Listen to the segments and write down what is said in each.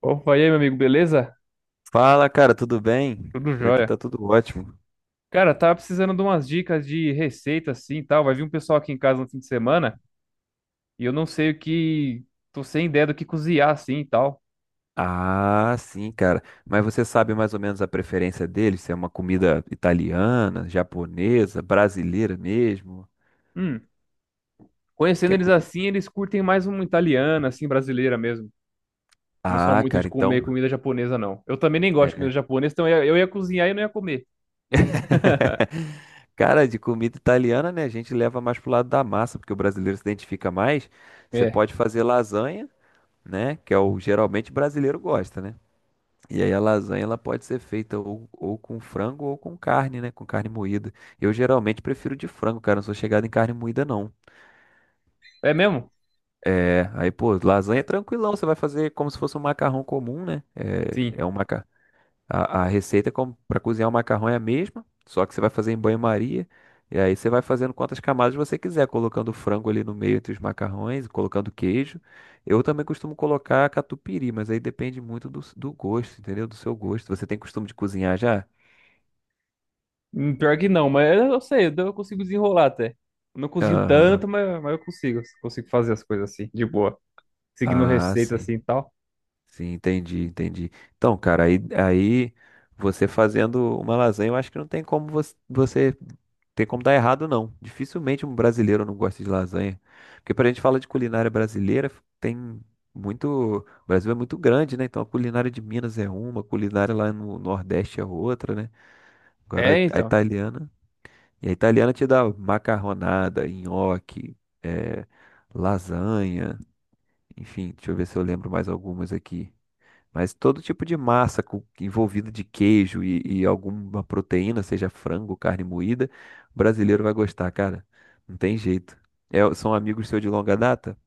Opa, e aí, meu amigo, beleza? Fala, cara, tudo bem? Tudo Por aqui jóia. tá tudo ótimo. Cara, tava precisando de umas dicas de receita assim e tal. Vai vir um pessoal aqui em casa no fim de semana e eu não sei o que. Tô sem ideia do que cozinhar assim e tal. Ah, sim, cara. Mas você sabe mais ou menos a preferência dele? Se é uma comida italiana, japonesa, brasileira mesmo? Hum, Conhecendo Quer eles comida? assim, eles curtem mais uma italiana, assim, brasileira mesmo. Não são Ah, muito de cara, comer então. comida japonesa, não. Eu também nem gosto de comida É. japonesa, então eu ia cozinhar e não ia comer. Cara, de comida italiana, né? A gente leva mais pro lado da massa, porque o brasileiro se identifica mais. Você É. pode fazer lasanha, né? Que é o geralmente brasileiro gosta, né? E aí a lasanha ela pode ser feita ou com frango ou com carne, né? Com carne moída. Eu geralmente prefiro de frango, cara. Não sou chegado em carne moída, não. É mesmo? É, aí, pô, lasanha é tranquilão. Você vai fazer como se fosse um macarrão comum, né? Sim. A receita para cozinhar o macarrão é a mesma, só que você vai fazer em banho-maria. E aí você vai fazendo quantas camadas você quiser, colocando o frango ali no meio entre os macarrões, colocando queijo. Eu também costumo colocar catupiry, mas aí depende muito do gosto, entendeu? Do seu gosto. Você tem costume de cozinhar já? Pior que não, mas eu sei, eu consigo desenrolar até. Eu não cozinho Aham. tanto, mas eu consigo fazer as coisas assim, de boa, seguindo Ah, receita sim. assim e tal. Sim, entendi, entendi. Então, cara, aí você fazendo uma lasanha, eu acho que não tem como você tem como dar errado, não. Dificilmente um brasileiro não gosta de lasanha. Porque pra gente falar de culinária brasileira, tem muito. O Brasil é muito grande, né? Então a culinária de Minas é uma, a culinária lá no Nordeste é outra, né? Agora É, a então. italiana. E a italiana te dá macarronada, nhoque, eh, lasanha. Enfim, deixa eu ver se eu lembro mais algumas aqui. Mas todo tipo de massa envolvida de queijo e alguma proteína, seja frango, carne moída, o brasileiro vai gostar, cara. Não tem jeito. É, são amigos seus de longa data?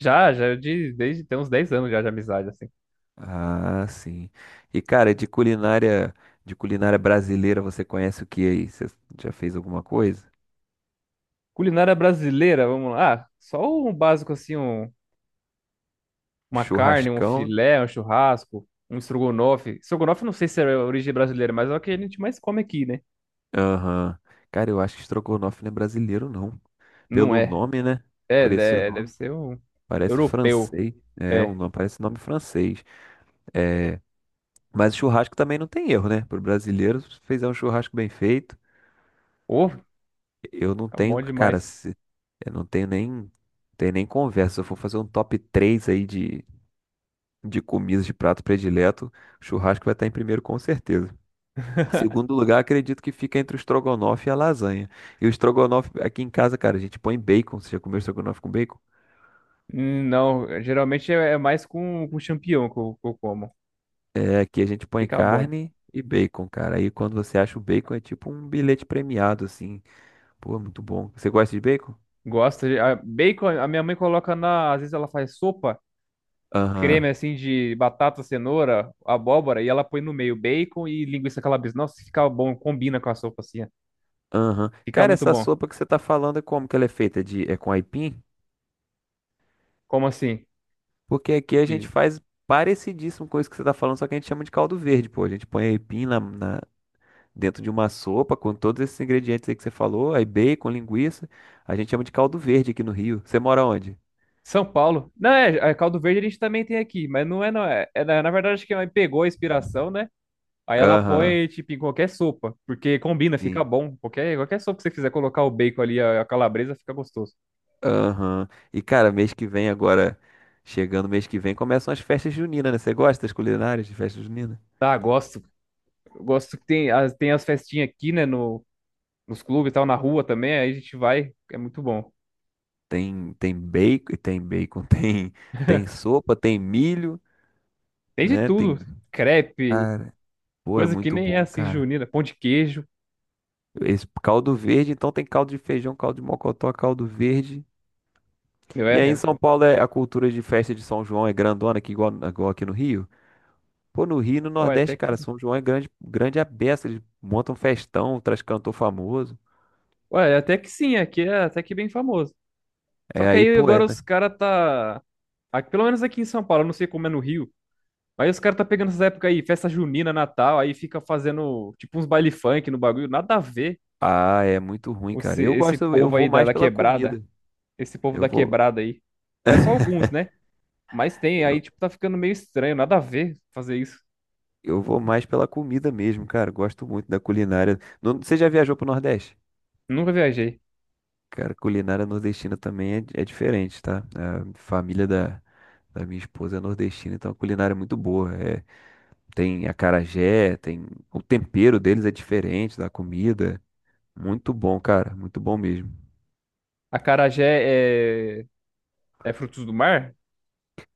Já, já, é desde tem uns 10 anos já de amizade, assim. Ah, sim. E, cara, de culinária brasileira, você conhece o que aí? Você já fez alguma coisa? Culinária brasileira, vamos lá. Ah, só um básico assim, uma carne, um Churrascão? filé, um churrasco, um estrogonofe. Estrogonofe não sei se é origem brasileira, mas é o que a gente mais come aqui, né? Aham. Cara, eu acho que estrogonofe não é brasileiro, não. Não Pelo é. nome, né? É, Por esse deve nome. ser o Parece europeu. francês. É, É. Parece nome francês. É, mas churrasco também não tem erro, né? Pro brasileiro, se fizer um churrasco bem feito, Ô, fica eu não tenho, bom cara, demais. Eu não tenho nem, tenho nem conversa. Se eu for fazer um top 3 aí de comidas de prato predileto, churrasco vai estar em primeiro com certeza. Segundo lugar, acredito que fica entre o estrogonofe e a lasanha. E o estrogonofe aqui em casa, cara, a gente põe bacon. Você já comeu estrogonofe com bacon? Não, geralmente é mais com champignon que eu como. É, aqui a gente põe Fica bom. carne e bacon, cara. Aí quando você acha o bacon é tipo um bilhete premiado, assim. Pô, é muito bom. Você gosta de bacon? Gosto. Bacon, a minha mãe coloca na. Às vezes ela faz sopa, Aham, creme assim de batata, cenoura, abóbora, e ela põe no meio bacon e linguiça calabresa. Nossa, fica bom, combina com a sopa assim, ó. aham. Fica Cara, muito essa bom. sopa que você tá falando é como que ela é feita? É com aipim? Como assim? Porque aqui a gente De faz parecidíssimo com isso que você tá falando, só que a gente chama de caldo verde, pô. A gente põe aipim dentro de uma sopa com todos esses ingredientes aí que você falou, aí bacon, linguiça. A gente chama de caldo verde aqui no Rio. Você mora onde? São Paulo. Não, é, é caldo verde a gente também tem aqui, mas não é. É, na verdade, acho que a mãe pegou a inspiração, né? Aí ela Aham. põe, tipo, em qualquer sopa, porque combina, fica bom. Qualquer sopa que você quiser colocar o bacon ali, a calabresa, fica gostoso. Aham. E, cara, mês que vem agora, chegando mês que vem, começam as festas juninas, né? Você gosta das culinárias de festa junina? Tá, gosto. Eu gosto que tem as festinhas aqui, né, no, nos clubes e tal, na rua também, aí a gente vai, é muito bom. Tem bacon, tem bacon, tem sopa, tem milho, Tem de né? Tem. tudo, crepe, Cara, pô, é coisa que muito nem é bom, assim, cara. junina, pão de queijo. Esse caldo verde, então tem caldo de feijão, caldo de mocotó, caldo verde. Meu, E é, aí é em São bom. Paulo é a cultura de festa de São João é grandona, aqui igual, igual aqui no Rio. Pô, no Rio e no Ué, Nordeste, até que, cara, São João é grande, grande a beça. Eles montam festão, traz cantor famoso. ué, até que sim, aqui é até que bem famoso. Só É que aí, aí pô, é. agora Né? os caras tá... Aqui, pelo menos aqui em São Paulo, eu não sei como é no Rio. Aí os caras tá pegando essas épocas aí, festa junina, Natal, aí fica fazendo tipo uns baile funk no bagulho, nada a ver Ah, é muito ruim, cara. esse, Eu esse gosto, eu povo vou aí mais da pela quebrada, comida. esse povo Eu da vou. quebrada aí. Mas só alguns, né? Mas tem, aí Eu, tipo tá ficando meio estranho, nada a ver fazer isso. eu vou mais pela comida mesmo, cara. Gosto muito da culinária. Você já viajou pro Nordeste? Nunca viajei. Cara, culinária nordestina também é diferente, tá? A família da minha esposa é nordestina, então a culinária é muito boa. É, tem acarajé, tem. O tempero deles é diferente da comida. Muito bom, cara. Muito bom mesmo. Acarajé é, é frutos do mar?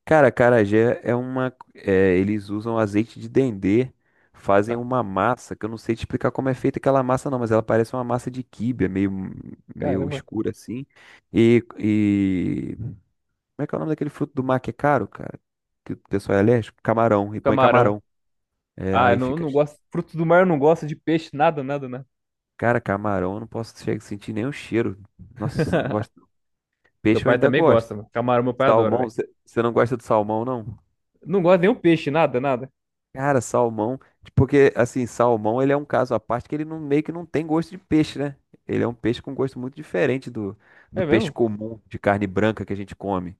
Cara, acarajé é uma. É, eles usam azeite de dendê, fazem Ah, uma massa, que eu não sei te explicar como é feita aquela massa, não, mas ela parece uma massa de quibe, é meio caramba. escura assim. E, e. Como é que é o nome daquele fruto do mar que é caro, cara? Que o pessoal é alérgico? Camarão, e põe Camarão. camarão. É, Ah, eu aí não, eu fica. não gosto. Frutos do mar eu não gosto, de peixe, nada, nada, nada. Cara, camarão, eu não posso chegar a sentir nem o cheiro. Nossa, eu não gosto. Meu Peixe eu pai ainda também gosto. gosta, mano. Camarão meu pai adora, Salmão, velho. você não gosta de salmão, não? Não gosta de nenhum peixe, nada, nada. Cara, salmão, tipo, porque assim, salmão ele é um caso à parte que ele não, meio que não tem gosto de peixe, né? Ele é um peixe com gosto muito diferente do É peixe mesmo? comum de carne branca que a gente come.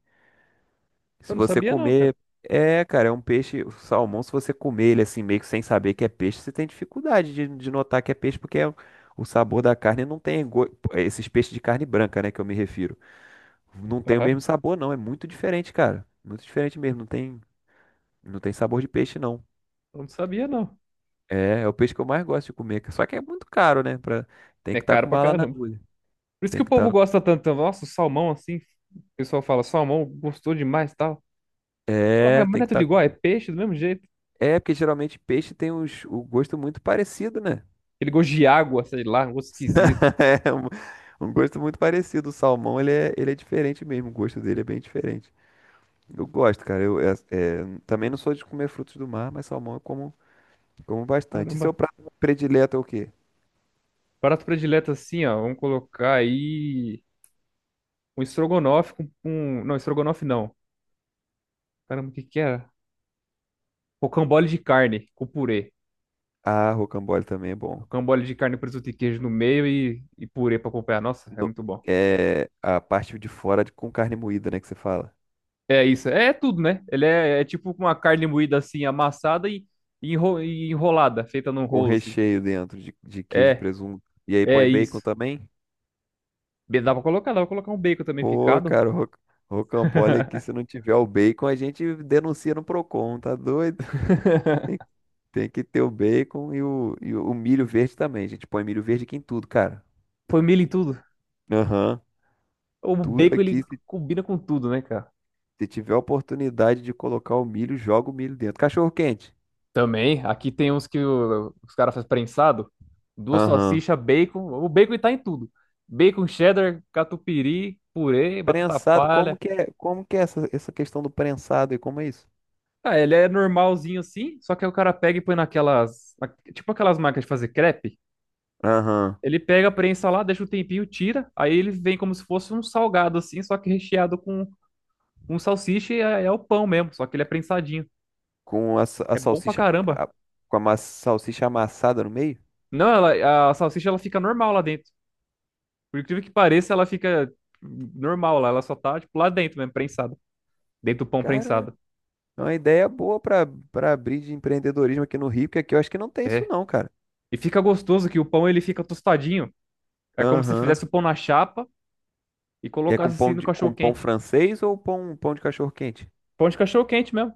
Eu Se não você sabia não, cara. comer, é, cara, é um peixe, o salmão, se você comer ele assim, meio que sem saber que é peixe, você tem dificuldade de notar que é peixe, porque o sabor da carne não tem, esses peixes de carne branca, né, que eu me refiro. Não tem o Aham. mesmo sabor, não. É muito diferente, cara. Muito diferente mesmo. Não tem sabor de peixe, não. Eu não sabia, não. É o peixe que eu mais gosto de comer. Só que é muito caro, né? Tem É que estar caro com pra bala na caramba. agulha. Por isso que Tem o que povo estar com... gosta tanto. Nossa, o salmão assim. O pessoal fala, salmão gostou demais e tal. Fala, "Ué, É, mas tem não é que tudo estar com... igual, é peixe do mesmo jeito. É, porque geralmente peixe tem uns, o gosto muito parecido, né? Ele gosto de água, sei lá, um gosto esquisito." É um gosto muito parecido. O salmão, ele é diferente mesmo. O gosto dele é bem diferente. Eu gosto, cara. Eu também não sou de comer frutos do mar, mas salmão eu como bastante. E seu Caramba. prato predileto é o quê? Prato predileto assim, ó. Vamos colocar aí um estrogonofe com um. Não, estrogonofe não. Caramba, o que que era? Rocambole de carne com purê. Ah, rocambole também é bom. Rocambole de carne, presunto e queijo no meio e purê pra acompanhar. Nossa, é No- muito bom. É a parte de fora com carne moída, né? Que você fala. É isso, é tudo, né? Ele é, é tipo uma carne moída assim, amassada e, e enrolada, feita num Com rolo, assim. recheio dentro de queijo e É, presunto. E aí põe é bacon isso. também? Bem, dá pra colocar um bacon também Pô, picado. cara, o rocambole aqui, se não tiver o bacon, a gente denuncia no Procon, tá doido? Tem, tem que ter o bacon e o milho verde também. A gente põe milho verde aqui em tudo, cara. Põe milho em tudo. Aham. O Tudo bacon, ele aqui, se, combina com tudo, né, cara? se tiver a oportunidade de colocar o milho, joga o milho dentro. Cachorro quente. Também, aqui tem uns que os caras fazem prensado. Duas Aham. salsichas, bacon. O bacon tá em tudo. Bacon, cheddar, catupiry, purê, batata Prensado, como palha. que é, como que é essa questão do prensado e como é isso? Ah, ele é normalzinho assim, só que aí o cara pega e põe naquelas, tipo aquelas máquinas de fazer crepe. Aham. Ele pega, prensa lá, deixa um tempinho, tira, aí ele vem como se fosse um salgado assim, só que recheado com um salsicha e é, é o pão mesmo, só que ele é prensadinho. Com a, a É bom pra salsicha, caramba. a- com a salsicha amassada no meio. Não, ela, a salsicha ela fica normal lá dentro. Por incrível que pareça, ela fica normal lá, ela só tá tipo lá dentro mesmo, prensada. Dentro do pão Cara, prensado. é uma ideia boa para abrir de empreendedorismo aqui no Rio, que aqui eu acho que não tem isso É. não, cara. E fica gostoso que o pão ele fica tostadinho. É como se fizesse o Aham. pão na chapa e E é colocasse assim no cachorro com pão quente. francês ou pão de cachorro quente? Pão de cachorro quente mesmo.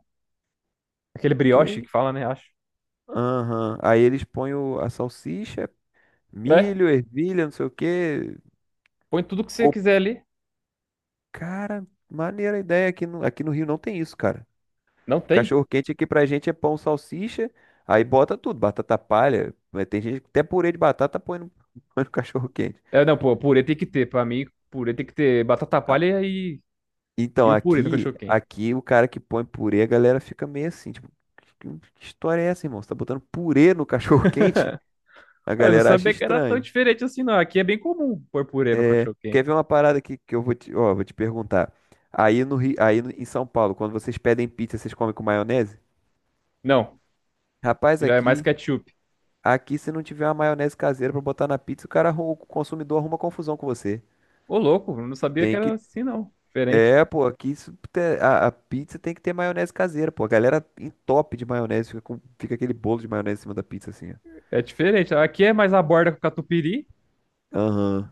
Aquele brioche Que que fala, né? Acho. Aham. Aí eles põem a salsicha, É. milho, ervilha, não sei o quê. Põe tudo que você Ô, quiser ali. cara, maneira a ideia aqui no Rio não tem isso, cara. Não tem? Cachorro quente aqui pra gente é pão, salsicha, aí bota tudo, batata palha. Mas tem gente que até purê de batata põe no, põe no cachorro quente. É, não, pô, purê tem que ter. Pra mim, purê tem que ter batata Ah, palha e então, o purê no aqui, cachorro quente. aqui o cara que põe purê, a galera fica meio assim, tipo, que que história é essa, irmão? Você tá botando purê no cachorro quente? A Eu não galera acha sabia que era tão estranho. diferente assim, não. Aqui é bem comum pôr purê no É, cachorro quente. quer ver uma parada aqui que eu ó, vou te perguntar. Aí no Rio, aí no- em São Paulo, quando vocês pedem pizza, vocês comem com maionese? Não, Rapaz, já é mais aqui ketchup. Aqui, se não tiver uma maionese caseira pra botar na pizza, o cara, o consumidor arruma confusão com você. Ô, louco, eu não sabia que Tem era que. assim, não. Diferente. É, pô, aqui a pizza tem que ter maionese caseira, pô. A galera entope de maionese, fica aquele bolo de maionese em cima da pizza, assim, ó. É diferente. Aqui é mais a borda com catupiry Aham.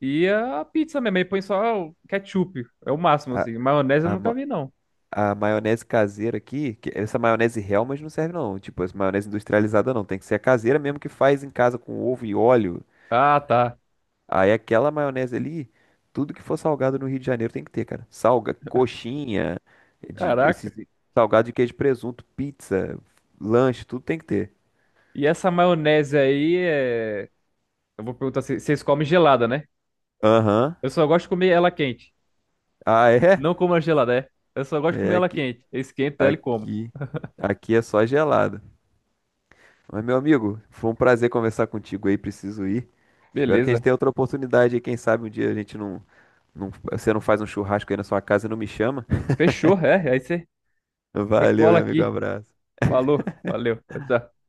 e a pizza mesmo. Aí põe só o ketchup. É o máximo, A, assim. Maionese eu a, nunca ma- vi, não. a maionese caseira aqui, que essa maionese Hellmann's não serve, não. Tipo, essa maionese industrializada não. Tem que ser a caseira mesmo que faz em casa com ovo e óleo. Ah, tá. Aí aquela maionese ali, tudo que for salgado no Rio de Janeiro tem que ter, cara. Coxinha, Caraca. esses salgado de queijo e presunto, pizza, lanche, tudo tem que ter. E essa maionese aí é. Eu vou perguntar se vocês comem gelada, né? Aham. Eu só gosto de comer ela quente. Ah, é? Não como a gelada, é. Eu só gosto de comer É ela aqui, quente. Esquenta ela e como. aqui, aqui é só gelado. Mas, meu amigo, foi um prazer conversar contigo aí, preciso ir. Espero que a gente Beleza. tenha outra oportunidade aí, quem sabe um dia a gente não, você não faz um churrasco aí na sua casa e não me chama. Fechou, é. Aí você Valeu, cola meu amigo, um aqui. abraço. Falou. Valeu. Tchau, tchau.